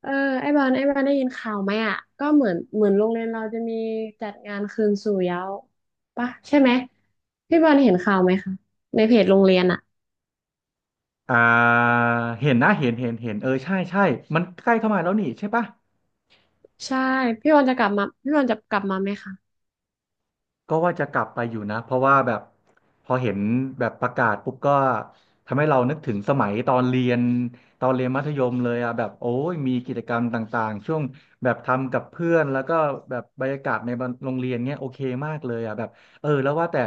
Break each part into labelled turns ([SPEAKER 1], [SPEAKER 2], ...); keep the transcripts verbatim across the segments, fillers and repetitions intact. [SPEAKER 1] เออไอ้บอลไอ้บอลได้ยินข่าวไหมอ่ะก็เหมือนเหมือนโรงเรียนเราจะมีจัดงานคืนสู่เยาว์ปะใช่ไหมพี่บอลเห็นข่าวไหมคะในเพจโรงเรียนอ่ะ
[SPEAKER 2] อ่าเห็นนะเห็นเห็นเห็นเออใช่ใช่มันใกล้เข้ามาแล้วนี่ใช่ปะ
[SPEAKER 1] ใช่พี่บอลจะกลับมาพี่บอลจะกลับมาไหมคะ
[SPEAKER 2] ก็ว่าจะกลับไปอยู่นะเพราะว่าแบบพอเห็นแบบประกาศปุ๊บก็ทำให้เรานึกถึงสมัยตอนเรียนตอนเรียนมัธยมเลยอ่ะแบบโอ้ยมีกิจกรรมต่างๆช่วงแบบทำกับเพื่อนแล้วก็แบบบรรยากาศในโรงเรียนเนี้ยโอเคมากเลยอ่ะแบบเออแล้วว่าแต่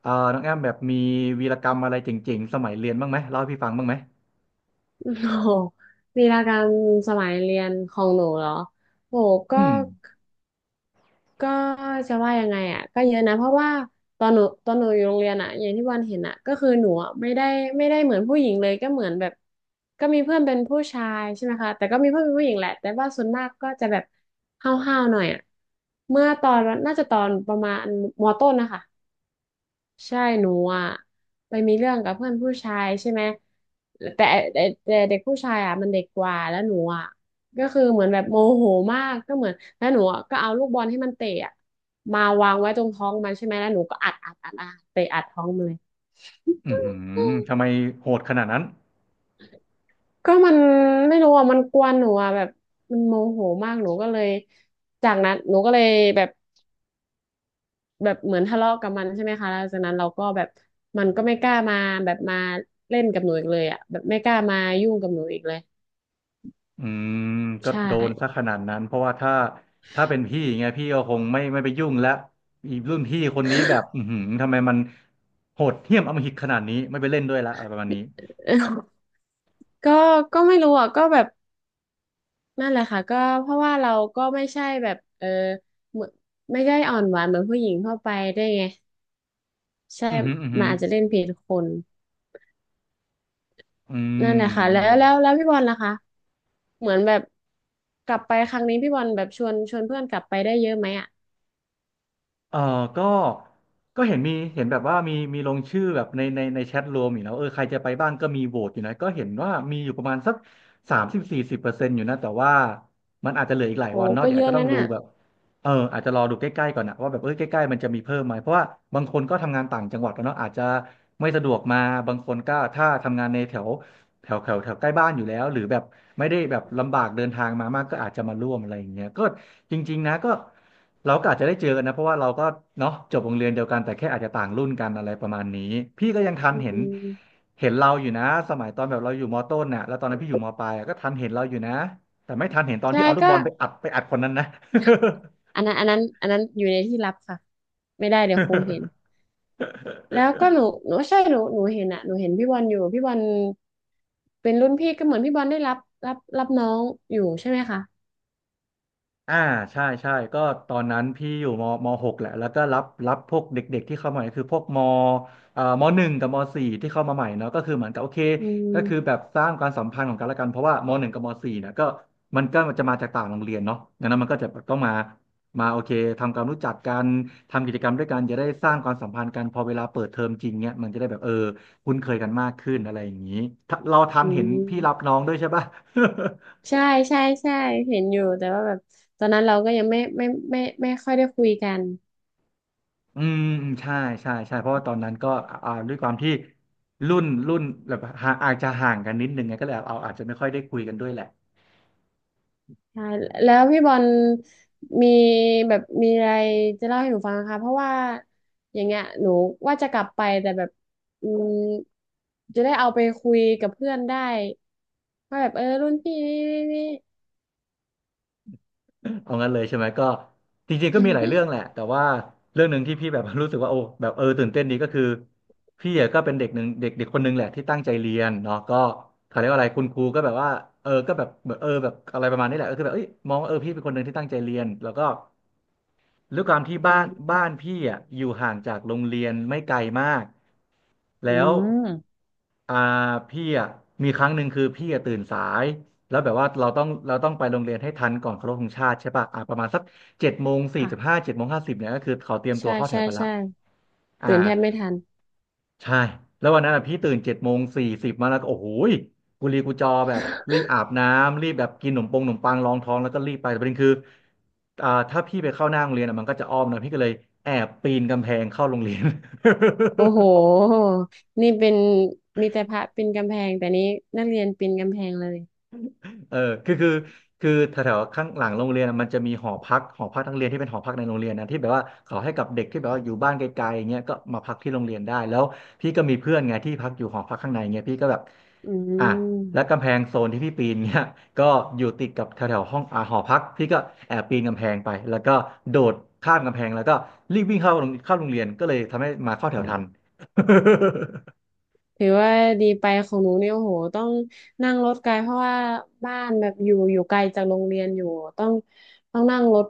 [SPEAKER 2] เออน้องแอมแบบมีวีรกรรมอะไรเจ๋งๆสมัยเรียนบ้างไหมเล่าให้พี่ฟังบ้างไหม
[SPEAKER 1] โอ้โหลีลาการสมัยเรียนของหนูเหรอโหก็
[SPEAKER 2] อืม
[SPEAKER 1] ก็จะว่ายังไงอ่ะก็เยอะนะเพราะว่าตอนหนูตอนหนูอยู่โรงเรียนอ่ะอย่างที่วันเห็นอ่ะก็คือหนูอะไม่ได้ไม่ได้เหมือนผู้หญิงเลยก็เหมือนแบบก็มีเพื่อนเป็นผู้ชายใช่ไหมคะแต่ก็มีเพื่อนเป็นผู้หญิงแหละแต่ว่าส่วนมากก็จะแบบห้าวๆหน่อยอ่ะเมื่อตอนน่าจะตอนประมาณมต้นนะคะ ใช่หนูอ่ะไปมีเรื่องกับเพื่อนผู้ชายใช่ไหมแต่แต่แต่เด็กผู้ชายอ่ะมันเด็กกว่าแล้วหนูอ่ะก็คือเหมือนแบบโมโหมากก็เหมือนแล้วหนูอะก็เอาลูกบอลให้มันเตะอ่ะมาวางไว้ตรงท้องมันใช่ไหมแล้วหนูก็อัดอัดอัดอัดเตะอัดท้องมันเลย
[SPEAKER 2] อือหือทำไมโหดขนาดนั้น
[SPEAKER 1] ก็มันไม่รู้อ่ะมันกวนหนูอ่ะแบบมันโมโหมากหนูก็เลยจากนั้นหนูก็เลยแบบ แบบเหมือนทะเลาะกับมันใช่ไหมคะแล้วจากนั้นเราก็แบบมันก็ไม่กล้ามาแบบมาเล่นกับหนูอีกเลยอ่ะแบบไม่กล้ามายุ่งกับหนูอีกเลย
[SPEAKER 2] อืมก็
[SPEAKER 1] ใช่
[SPEAKER 2] โดนซะขนาดนั้นเพราะว่าถ้าถ้าเป็นพี่ไงพี่ก็คงไม่ไม่ไปยุ่งแล้วอีรุ่นพี่คนนี้แบบอือหือทำไมมันโหดเหี้ยมอำมหิตขนาดนี้ไม่ไปเล่นด้วยละอะไรประมาณนี้
[SPEAKER 1] ก็ก็ไม่รู้อ่ะก็แบบนั่นแหละค่ะก็เพราะว่าเราก็ไม่ใช่แบบเออเหมือนไม่ได้อ่อนหวานเหมือนผู้หญิงทั่วไปได้วยไงใช่
[SPEAKER 2] อือหืออือหื
[SPEAKER 1] มัน
[SPEAKER 2] อ
[SPEAKER 1] อาจจะเล่นผิดคน
[SPEAKER 2] อื
[SPEAKER 1] นั่
[SPEAKER 2] ม
[SPEAKER 1] นแหละค่ะแล้
[SPEAKER 2] นั่
[SPEAKER 1] ว
[SPEAKER 2] นแหละ
[SPEAKER 1] แล้วแล้วพี่บอลล่ะคะเหมือนแบบกลับไปครั้งนี้พี่บอลแบบชวนชวนเพื่อนกลับไปได้เยอะไหมอ่ะ
[SPEAKER 2] เออก็ก็เห็นมีเห็นแบบว่ามีมีลงชื่อแบบในในในแชทรวมอยู่นะเออใครจะไปบ้างก็มีโหวตอยู่นะก็เห็นว่ามีอยู่ประมาณสักสามสิบสี่สิบเปอร์เซ็นต์อยู่นะแต่ว่ามันอาจจะเหลืออีกหลาย
[SPEAKER 1] โห
[SPEAKER 2] วันเนาะ
[SPEAKER 1] ก็
[SPEAKER 2] เดี๋ยว
[SPEAKER 1] เย
[SPEAKER 2] อาจ
[SPEAKER 1] อะ
[SPEAKER 2] จะต้อ
[SPEAKER 1] นั่
[SPEAKER 2] ง
[SPEAKER 1] น
[SPEAKER 2] รู้
[SPEAKER 1] อ่ะ
[SPEAKER 2] แบบเอออาจจะรอดูใกล้ๆก่อนนะว่าแบบเออใกล้ๆมันจะมีเพิ่มไหมเพราะว่าบางคนก็ทำงานต่างจังหวัดแล้วเนาะอาจจะไม่สะดวกมา บางคนก็ถ้าทำงานในแถว แถวแถวแถวใกล้บ้านอยู่แล้วหรือแบบไม่ได้แบบลำบากเดินทางมามากก็อาจจะมาร่วมอะไรอย่างเงี้ยก็จริงๆนะก็เราก็อาจจะได้เจอกันนะเพราะว่าเราก็เนาะจบโรงเรียนเดียวกันแต่แค่อาจจะต่างรุ่นกันอะไรประมาณนี้พี่ก็ยังทัน
[SPEAKER 1] อื
[SPEAKER 2] เห็น
[SPEAKER 1] ม
[SPEAKER 2] เห็นเราอยู่นะสมัยตอนแบบเราอยู่มต้นน่ะแล้วตอนนั้นพี่อยู่มปลายอะก็ทันเห็นเราอยู่นะแต่ไม่ทันเห็นตอน
[SPEAKER 1] ใช่
[SPEAKER 2] ที่เอาลูก
[SPEAKER 1] ก็
[SPEAKER 2] บอลไปอัดไปอัดคนนั้นนะ
[SPEAKER 1] อันนั้นอันนั้นอันนั้นอยู่ในที่ลับค่ะไม่ได้เดี๋ยวครูเห็น แล้วก็หนูหนูใช่หนูหนูเห็นอะหนูเห็นพี่บอลอยู่พี่บอลเป็นรุ่นพี่ก็เหมือนพี่บอลได้รับรับรับน้องอยู่ใช่ไหมคะ
[SPEAKER 2] อ่าใช่ใช่ก็ตอนนั้นพี่อยู่มมหกแหละแล้วก็รับรับพวกเด็กๆที่เข้ามาใหม่คือพวกมเอ่อมหนึ่งกับมสี่ที่เข้ามาใหม่เนาะก็คือเหมือนกับโอเค
[SPEAKER 1] อื
[SPEAKER 2] ก็คือแบ
[SPEAKER 1] ม
[SPEAKER 2] บสร้างความสัมพันธ์ของกันและกันเพราะว่ามหนึ่งกับมสี่เนี่ยก็มันก็จะมาจากต่างโรงเรียนเนาะดังนั้นมันก็จะแบบต้องมามาโอเคทำความรู้จักกันทำกิจกรรมด้วยกันจะได้สร้างความสัมพันธ์กันพอเวลาเปิดเทอมจริงเนี่ยมันจะได้แบบเออคุ้นเคยกันมากขึ้นอะไรอย่างนี้ถ้าเราทัน
[SPEAKER 1] อื
[SPEAKER 2] เห็นพี่รับ
[SPEAKER 1] ม
[SPEAKER 2] น้องด้วยใช่ปะ
[SPEAKER 1] ใช่ใช่ใช่เห็นอยู่แต่ว่าแบบตอนนั้นเราก็ยังไม่ไม่ไม่ไม่ไม่ค่อยได้คุยกัน
[SPEAKER 2] อืมอืมใช่ใช่ใช่เพราะว่าตอนนั้นก็อ่าด้วยความที่รุ่นรุ่นแบบห่างอาจจะห่างกันนิดนึงไงก็เลยเอาอาจจะไม่ค่อยได้คุยกันด้วยแหละ
[SPEAKER 1] ใช่แล้วพี่บอลมีแบบมีอะไรจะเล่าให้หนูฟังนะคะเพราะว่าอย่างเงี้ยหนูว่าจะกลับไปแต่แบบอืมจะได้เอาไปคุยกับเพื่อนได้ว่าแบบเออรุ่นพี่นี่นี่นี่
[SPEAKER 2] เอางั้นเลยใช่ไหมก็จริงๆ ก็
[SPEAKER 1] อื
[SPEAKER 2] มีหลาย
[SPEAKER 1] ม
[SPEAKER 2] เรื่องแหละแต่ว่าเรื่องหนึ่งที่พี่แบบ รู้สึกว่าโอ้แบบเออตื่นเต้นดีก็คือพี่อะก็เป็นเด็กหนึ่งเด็กเด็กคนหนึ่งแหละที่ตั้งใจเรียนเนาะก็เขาเรียกว่าอะไรคุณครูก็แบบว่าเออก็แบบเออแบบอะไรประมาณนี้แหละก็คือแบบเอ้ยมองว่าเออพี่เป็นคนหนึ่งที่ตั้งใจเรียนแล้วก็ ด้วยความที่บ้านบ้านพี่อ่ะอยู่ห่างจากโรงเรียนไม่ไกลมาก
[SPEAKER 1] อื
[SPEAKER 2] แล้ว
[SPEAKER 1] ม
[SPEAKER 2] อ่าพี่อ่ะมีครั้งหนึ่งคือพี่อ่ะตื่นสายแล้วแบบว่าเราต้องเราต้องไปโรงเรียนให้ทันก่อนเคารพธงชาติใช่ป่ะอ่าประมาณสักเจ็ดโมงสี่สิบห้า
[SPEAKER 1] ค่ะ
[SPEAKER 2] เจ็ดโมงห้าสิบเนี่ยก็คือเขาเตรียมตั
[SPEAKER 1] ใช่
[SPEAKER 2] วเข้าแถ
[SPEAKER 1] ใช่
[SPEAKER 2] วกันละ
[SPEAKER 1] ใช่
[SPEAKER 2] อ่า
[SPEAKER 1] ตื่นแทบไม่ทัน
[SPEAKER 2] ใช่แล้ววันนั้นอะพี่ตื่นเจ็ดโมงสี่สิบมาแล้วก็โอ้โหยกุลีกุจอแบบรีบอาบน้ำรีบแบบกินขนมปงขนมปังรองท้องแล้วก็รีบไปแต่ประเด็นคืออ่าถ้าพี่ไปเข้าหน้าโรงเรียนอะมันก็จะอ้อมนะพี่ก็เลยแอบปีนกำแพงเข้าโรงเรียน
[SPEAKER 1] โอ้โหนี่เป็นมีแต่พระปีนกำแพงแต่นี้นักเรียนปีนกำแพงเลย
[SPEAKER 2] เออคือคือคือแถวๆข้างหลังโรงเรียนอะมันจะมีหอพักหอพักนักเรียนที่เป็นหอพักในโรงเรียนนะที่แบบว่าเขาให้กับเด็กที่แบบว่าอยู่บ้านไกลๆอย่างเงี้ยก็มาพักที่โรงเรียนได้แล้วพี่ก็มีเพื่อนไงที่พักอยู่หอพักข้างในเงี้ยพี่ก็แบบ
[SPEAKER 1] อื
[SPEAKER 2] อ่ะแล้ว
[SPEAKER 1] ม
[SPEAKER 2] กำแพงโซนที่พี่ปีนเงี้ย ก็อยู่ติดกับแถวๆห้องอ่าหอพักพี่ก็แอบปีนกำแพงไปแล้วก็โดดข้ามกำแพงแล้วก็รีบวิ่งเข้าโรงเข้าโรงเรียนก็เลยทำให้มาเข้าแถวทัน
[SPEAKER 1] ถือว่าดีไปของหนูเนี่ยโอ้โหต้องนั่งรถไกลเพราะว่าบ้านแบบอยู่อยู่ไกลจากโรงเรียนอยู่ต้องต้องนั่งรถ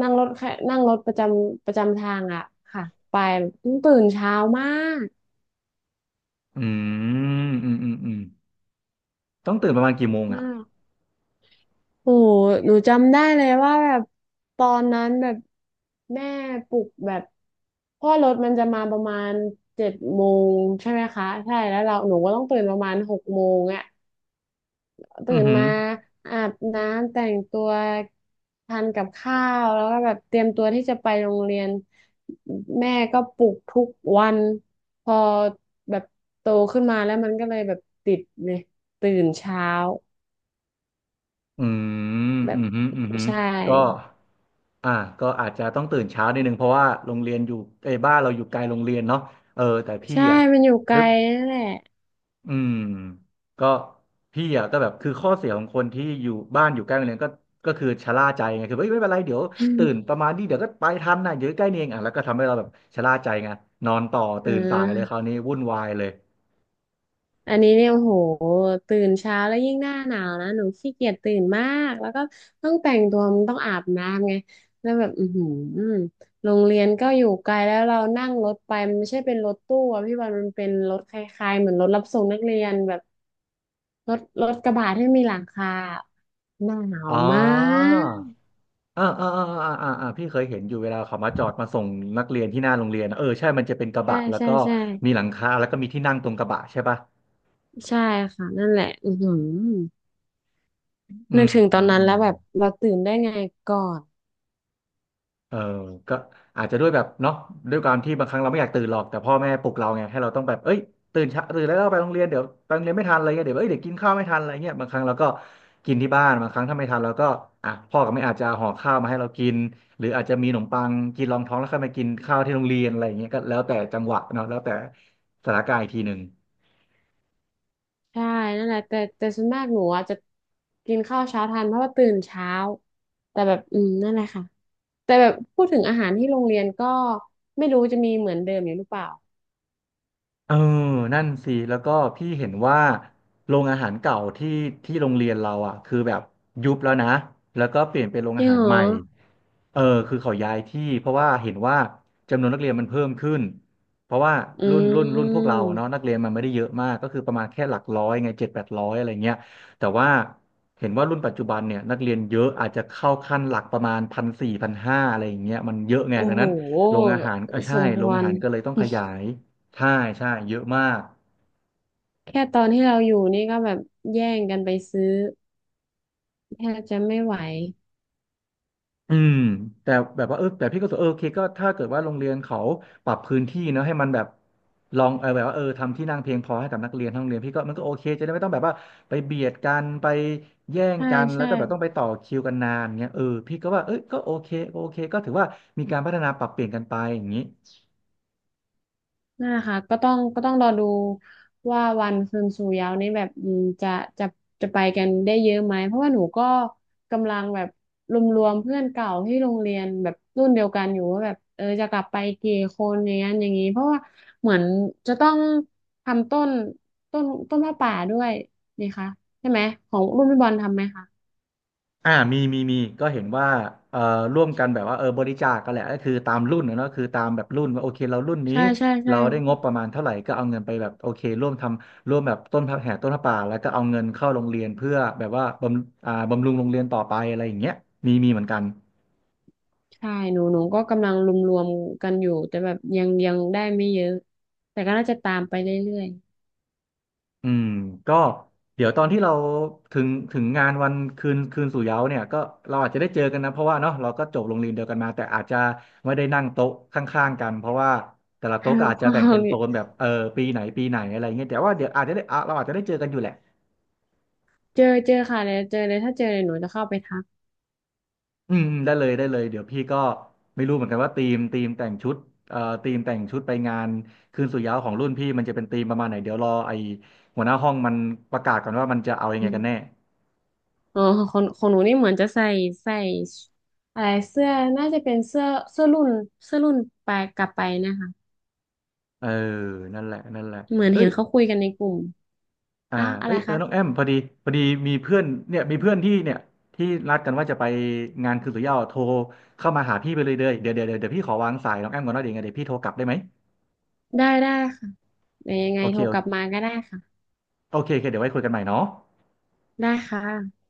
[SPEAKER 1] นั่งรถแค่นั่งรถประจำประจำทางอ่ะค่ะไปต้องตื่นเช้ามาก
[SPEAKER 2] อืมอืมอืมอืมต้องตื่นประมาณกี่โมง
[SPEAKER 1] มา
[SPEAKER 2] อ่ะ
[SPEAKER 1] กโอ้โหหนูจำได้เลยว่าแบบตอนนั้นแบบแม่ปลุกแบบเพราะว่อรถมันจะมาประมาณเจ็ดโมงใช่ไหมคะใช่แล้วเราหนูก็ต้องตื่นประมาณหกโมงอ่ะ
[SPEAKER 2] อื
[SPEAKER 1] ตื่
[SPEAKER 2] อ
[SPEAKER 1] น
[SPEAKER 2] หือ
[SPEAKER 1] มาอาบน้ำแต่งตัวทานกับข้าวแล้วก็แบบเตรียมตัวที่จะไปโรงเรียนแม่ก็ปลุกทุกวันพอแบบโตขึ้นมาแล้วมันก็เลยแบบติดเลยตื่นเช้า
[SPEAKER 2] อืม
[SPEAKER 1] แบ
[SPEAKER 2] อื
[SPEAKER 1] บ
[SPEAKER 2] มฮึอืมฮึ
[SPEAKER 1] ใช่
[SPEAKER 2] ก็อ่าก็อาจจะต้องตื่นเช้านิดนึงเพราะว่าโรงเรียนอยู่ไอ้ยบ้านเราอยู่ไกลโรงเรียนเนาะเออแต่พี่
[SPEAKER 1] ใช่
[SPEAKER 2] อ่ะ
[SPEAKER 1] มันอยู่ไก
[SPEAKER 2] นึ
[SPEAKER 1] ล
[SPEAKER 2] ก
[SPEAKER 1] นั่นแหละ
[SPEAKER 2] อืมก็พี่อ่ะก็แบบคือข้อเสียของคนที่อยู่บ้านอยู่ใกล้โรงเรียนก็ก็คือชะล่าใจไงคือเอ้ยไม่เป็นไรเดี๋ยวตื่นประ มาณนี้เดี๋ยวก็ไปทันนะเดี๋ยวใกล้นี่เองอ่ะแล้วก็ทำให้เราแบบชะล่าใจไงนอนต่อ
[SPEAKER 1] อ
[SPEAKER 2] ตื่นสายเลยครา
[SPEAKER 1] า
[SPEAKER 2] วนี้วุ่นวายเลย
[SPEAKER 1] อันนี้เนี่ยโอ้โหตื่นเช้าแล้วยิ่งหน้าหนาวนะหนูขี้เกียจตื่นมากแล้วก็ต้องแต่งตัวมันต้องอาบน้ำไงแล้วแบบอือหือโรงเรียนก็อยู่ไกลแล้วเรานั่งรถไปมันไม่ใช่เป็นรถตู้อะพี่บอลมันเป็นรถคล้ายๆเหมือนรถรับส่งนักเรียนแบบรถรถกระบะที่มีหลังคาหน้าหนาว
[SPEAKER 2] อ๋อ
[SPEAKER 1] มาก
[SPEAKER 2] อ่าอ่าอ่าอ่าอ่าอ่าพี่เคยเห็นอยู่เวลาเขามาจอดมาส่งนักเรียนที่หน้าโรงเรียนอะเออใช่มันจะเป็นกระ
[SPEAKER 1] ใช่
[SPEAKER 2] บะแล้ว
[SPEAKER 1] ใช่
[SPEAKER 2] ก็
[SPEAKER 1] ใช่
[SPEAKER 2] มีหลังคาแล้วก็มีที่นั่งตรงกระบะใช่ป่ะ
[SPEAKER 1] ใช่ค่ะนั่นแหละอือหือ
[SPEAKER 2] อื
[SPEAKER 1] นึ
[SPEAKER 2] ม
[SPEAKER 1] กถึงตอ
[SPEAKER 2] อื
[SPEAKER 1] น
[SPEAKER 2] ม
[SPEAKER 1] นั้น
[SPEAKER 2] อื
[SPEAKER 1] แล้
[SPEAKER 2] ม
[SPEAKER 1] วแบบเราตื่นได้ไงก่อน
[SPEAKER 2] เออก็อาจจะด้วยแบบเนาะด้วยความที่บางครั้งเราไม่อยากตื่นหรอกแต่พ่อแม่ปลุกเราไงให้เราต้องแบบเอ้ยตื่นเช้าตื่นแล้วไปโรงเรียนเดี๋ยวไปโรงเรียนไม่ทันอะไรเงี้ยเดี๋ยวเอ้ยเดี๋ยวกินข้าวไม่ทันอะไรเงี้ยบางครั้งเราก็กินที่บ้านบางครั้งถ้าไม่ทันเราก็อ่ะพ่อกับแม่อาจจะห่อข้าวมาให้เรากินหรืออาจจะมีขนมปังกินรองท้องแล้วค่อยมากินข้าวที่โรงเรียนอะไรเงี้ยก็แล้วแต่จังหวะเนาะแล้วแต่สถานการณ์อีกทีหนึ่ง
[SPEAKER 1] ใช่นั่นแหละแต่แต่ส่วนมากหนูอ่ะจะกินข้าวเช้าทันเพราะว่าตื่นเช้าแต่แบบอืมนั่นแหละค่ะแต่แบบพูดถึงอาหารที่โรงเรียนก็ไม่รู้จะมีเหมือนเดิมอยู่หรือเปล่า
[SPEAKER 2] เออนั่นสิแล้วก็พี่เห็นว่าโรงอาหารเก่าที่ที่โรงเรียนเราอ่ะคือแบบยุบแล้วนะแล้วก็เปลี่ยนเป็นโรง
[SPEAKER 1] จริ
[SPEAKER 2] อา
[SPEAKER 1] ง
[SPEAKER 2] หาร
[SPEAKER 1] เหร
[SPEAKER 2] ให
[SPEAKER 1] อ
[SPEAKER 2] ม่เออคือเขาย้ายที่เพราะว่าเห็นว่าจำนวนนักเรียนมันเพิ่มขึ้นเพราะว่า
[SPEAKER 1] อื
[SPEAKER 2] รุ่นรุ่นรุ่นพวกเรา
[SPEAKER 1] ม
[SPEAKER 2] อะเนาะนักเรียนมันไม่ได้เยอะมากก็คือประมาณแค่หลักร้อยไงเจ็ดแปดร้อยอะไรเงี้ยแต่ว่าเห็นว่ารุ่นปัจจุบันเนี่ยนักเรียนเยอะอาจจะเข้าขั้นหลักประมาณพันสี่พันห้าอะไรอย่างเงี้ยมันเยอะไง
[SPEAKER 1] โอ้
[SPEAKER 2] ดัง
[SPEAKER 1] โห
[SPEAKER 2] นั้นโรงอาหารเออ
[SPEAKER 1] ส
[SPEAKER 2] ใช่
[SPEAKER 1] มค
[SPEAKER 2] โรง
[SPEAKER 1] ว
[SPEAKER 2] อา
[SPEAKER 1] ร
[SPEAKER 2] หารก็เลยต้องขยาย ใช่ใช่เยอะมาก
[SPEAKER 1] แค่ตอนที่เราอยู่นี่ก็แบบแย่งกันไปซื้อแทบจะไม่ไหว
[SPEAKER 2] อืมแต่แบบว่าเออแต่พี่ก็รู้สึกเออโอเคก็ถ้าเกิดว่าโรงเรียนเขาปรับพื้นที่เนอะให้มันแบบลองเออแบบว่าเออทำที่นั่งเพียงพอให้กับนักเรียนทั้งโรงเรียนพี่ก็มันก็โอเคจะได้ไม่ต้องแบบว่าไปเบียดกันไปแย่ง
[SPEAKER 1] ใช่
[SPEAKER 2] กันแล้ว
[SPEAKER 1] ใช่
[SPEAKER 2] ก็แบบต้องไปต่อคิวกันนานเงี้ยเออพี่ก็ว่าเอ้ยก็โอเคโอเคก็ถือว่ามีการพัฒนาปรับเปลี่ยนกันไปอย่างนี้
[SPEAKER 1] นั่นแหละค่ะก็ต้องก็ต้องรอดูว่าวันคืนสู่เหย้านี้แบบอืมจะจะจะไปกันได้เยอะไหมเพราะว่าหนูก็กำลังแบบรวมๆเพื่อนเก่าที่โรงเรียนแบบรุ่นเดียวกันอยู่ว่าแบบเออจะกลับไปกี่คนอย่างนั้นอย่างนี้เพราะว่าเหมือนจะต้องทำต้นต้นต้นผ้าป่าด้วยนี่คะใช่ไหมของรุ่นพี่บอลทำไหมคะ
[SPEAKER 2] อ่ามีมีมีก็เห็นว่าเอ่อร่วมกันแบบว่าเออบริจาคกันแหละก็คือตามรุ่นนะเนอะคือตามแบบรุ่นว่าโอเคเรารุ่นนี้
[SPEAKER 1] ใช่ใช่ใช่
[SPEAKER 2] เราได้งบประมาณเท่าไหร่ก็เอาเงินไปแบบโอเคร่วมทำร่วมแบบต้นพับแห่ต้นพระป่าแล้วก็เอาเงินเข้าโรงเรียนเพื่อแบบว่าบำอ่าบำรุงโรงเรียนต่อไปอะไรอย่างเงี้ยมีมีเหมือนกัน
[SPEAKER 1] ใช่หนูหนูก็กำลังรวมๆกันอยู่แต่แบบยังยังได้ไม่เยอะแต่ก็น่าจะตามไปเรื่อย
[SPEAKER 2] อืมก็เดี๋ยวตอนที่เราถึงถึงงานวันคืนคืนสู่เหย้าเนี่ยก็เราอาจจะได้เจอกันนะเพราะว่าเนาะเราก็จบโรงเรียนเดียวกันมาแต่อาจจะไม่ได้นั่งโต๊ะข้างๆกันเพราะว่าแต่ละ
[SPEAKER 1] ค
[SPEAKER 2] โต๊ะ
[SPEAKER 1] รั
[SPEAKER 2] ก็
[SPEAKER 1] บ
[SPEAKER 2] อาจ
[SPEAKER 1] พ
[SPEAKER 2] จะ
[SPEAKER 1] อ
[SPEAKER 2] แบ่ง
[SPEAKER 1] เรา
[SPEAKER 2] เป็นโซนแบบเออปีไหนปีไหนอะไรเงี้ยแต่ว่าเดี๋ยวอาจจะได้อ่ะเราอาจจะได้เจอกันอยู่แหละ
[SPEAKER 1] เจอเจอค่ะเลยวเจอเลยถ้าเจอเลยหนูจะเข้าไปทัก
[SPEAKER 2] อืมอืมได้เลยได้เลยเดี๋ยวพี่ก็ไม่รู้เหมือนกันว่าธีมธีมแต่งชุดเอ่อธีมแต่งชุดไปงานคืนสู่เหย้าของรุ่นพี่มันจะเป็นธีมประมาณไหนเดี๋ยวรอไอหัวหน้าห้องมันประกาศก่อนว่ามันจะเอายัง
[SPEAKER 1] อื
[SPEAKER 2] ไงกันแน่
[SPEAKER 1] มอ๋อของของหนูนี่เหมือนจะใส่ใส่อะไรเสื้อน่าจะเป็นเสื้อเสื้อรุ่นเสื้อรุ่นไปกลับไปนะคะ
[SPEAKER 2] เออนั่นแหละนั่นแหละ
[SPEAKER 1] เหมือน
[SPEAKER 2] เอ้
[SPEAKER 1] เห็
[SPEAKER 2] ย
[SPEAKER 1] นเขาคุยกันในกลุ่ม
[SPEAKER 2] อ่า
[SPEAKER 1] อ่ะอะไร
[SPEAKER 2] เอ้ยเออ
[SPEAKER 1] คะ
[SPEAKER 2] น้องแอมพอดี พอดีมีเพื่อนเนี่ยมีเพื่อนที่เนี่ยที่นัดกันว่าจะไปงานคืนสุยาวโทรเข้ามาหาพี่ไปเลยเด้อเดี๋ยวเดี๋ยวเดี๋ยวเดี๋ยวพี่ขอวางสายน้องแอมก่อนนะเดี๋ยวยังไงเดี๋ยวพี่โทรกลับได้ไหม
[SPEAKER 1] ได้ได้ค่ะเดี๋ยวยังไง
[SPEAKER 2] โอเค
[SPEAKER 1] โทร
[SPEAKER 2] โอ
[SPEAKER 1] ก
[SPEAKER 2] เ
[SPEAKER 1] ลับมาก็ได้ค่ะ
[SPEAKER 2] คโอเคเดี๋ยวไว้คุยกันใหม่เนาะ
[SPEAKER 1] ได้ค่ะ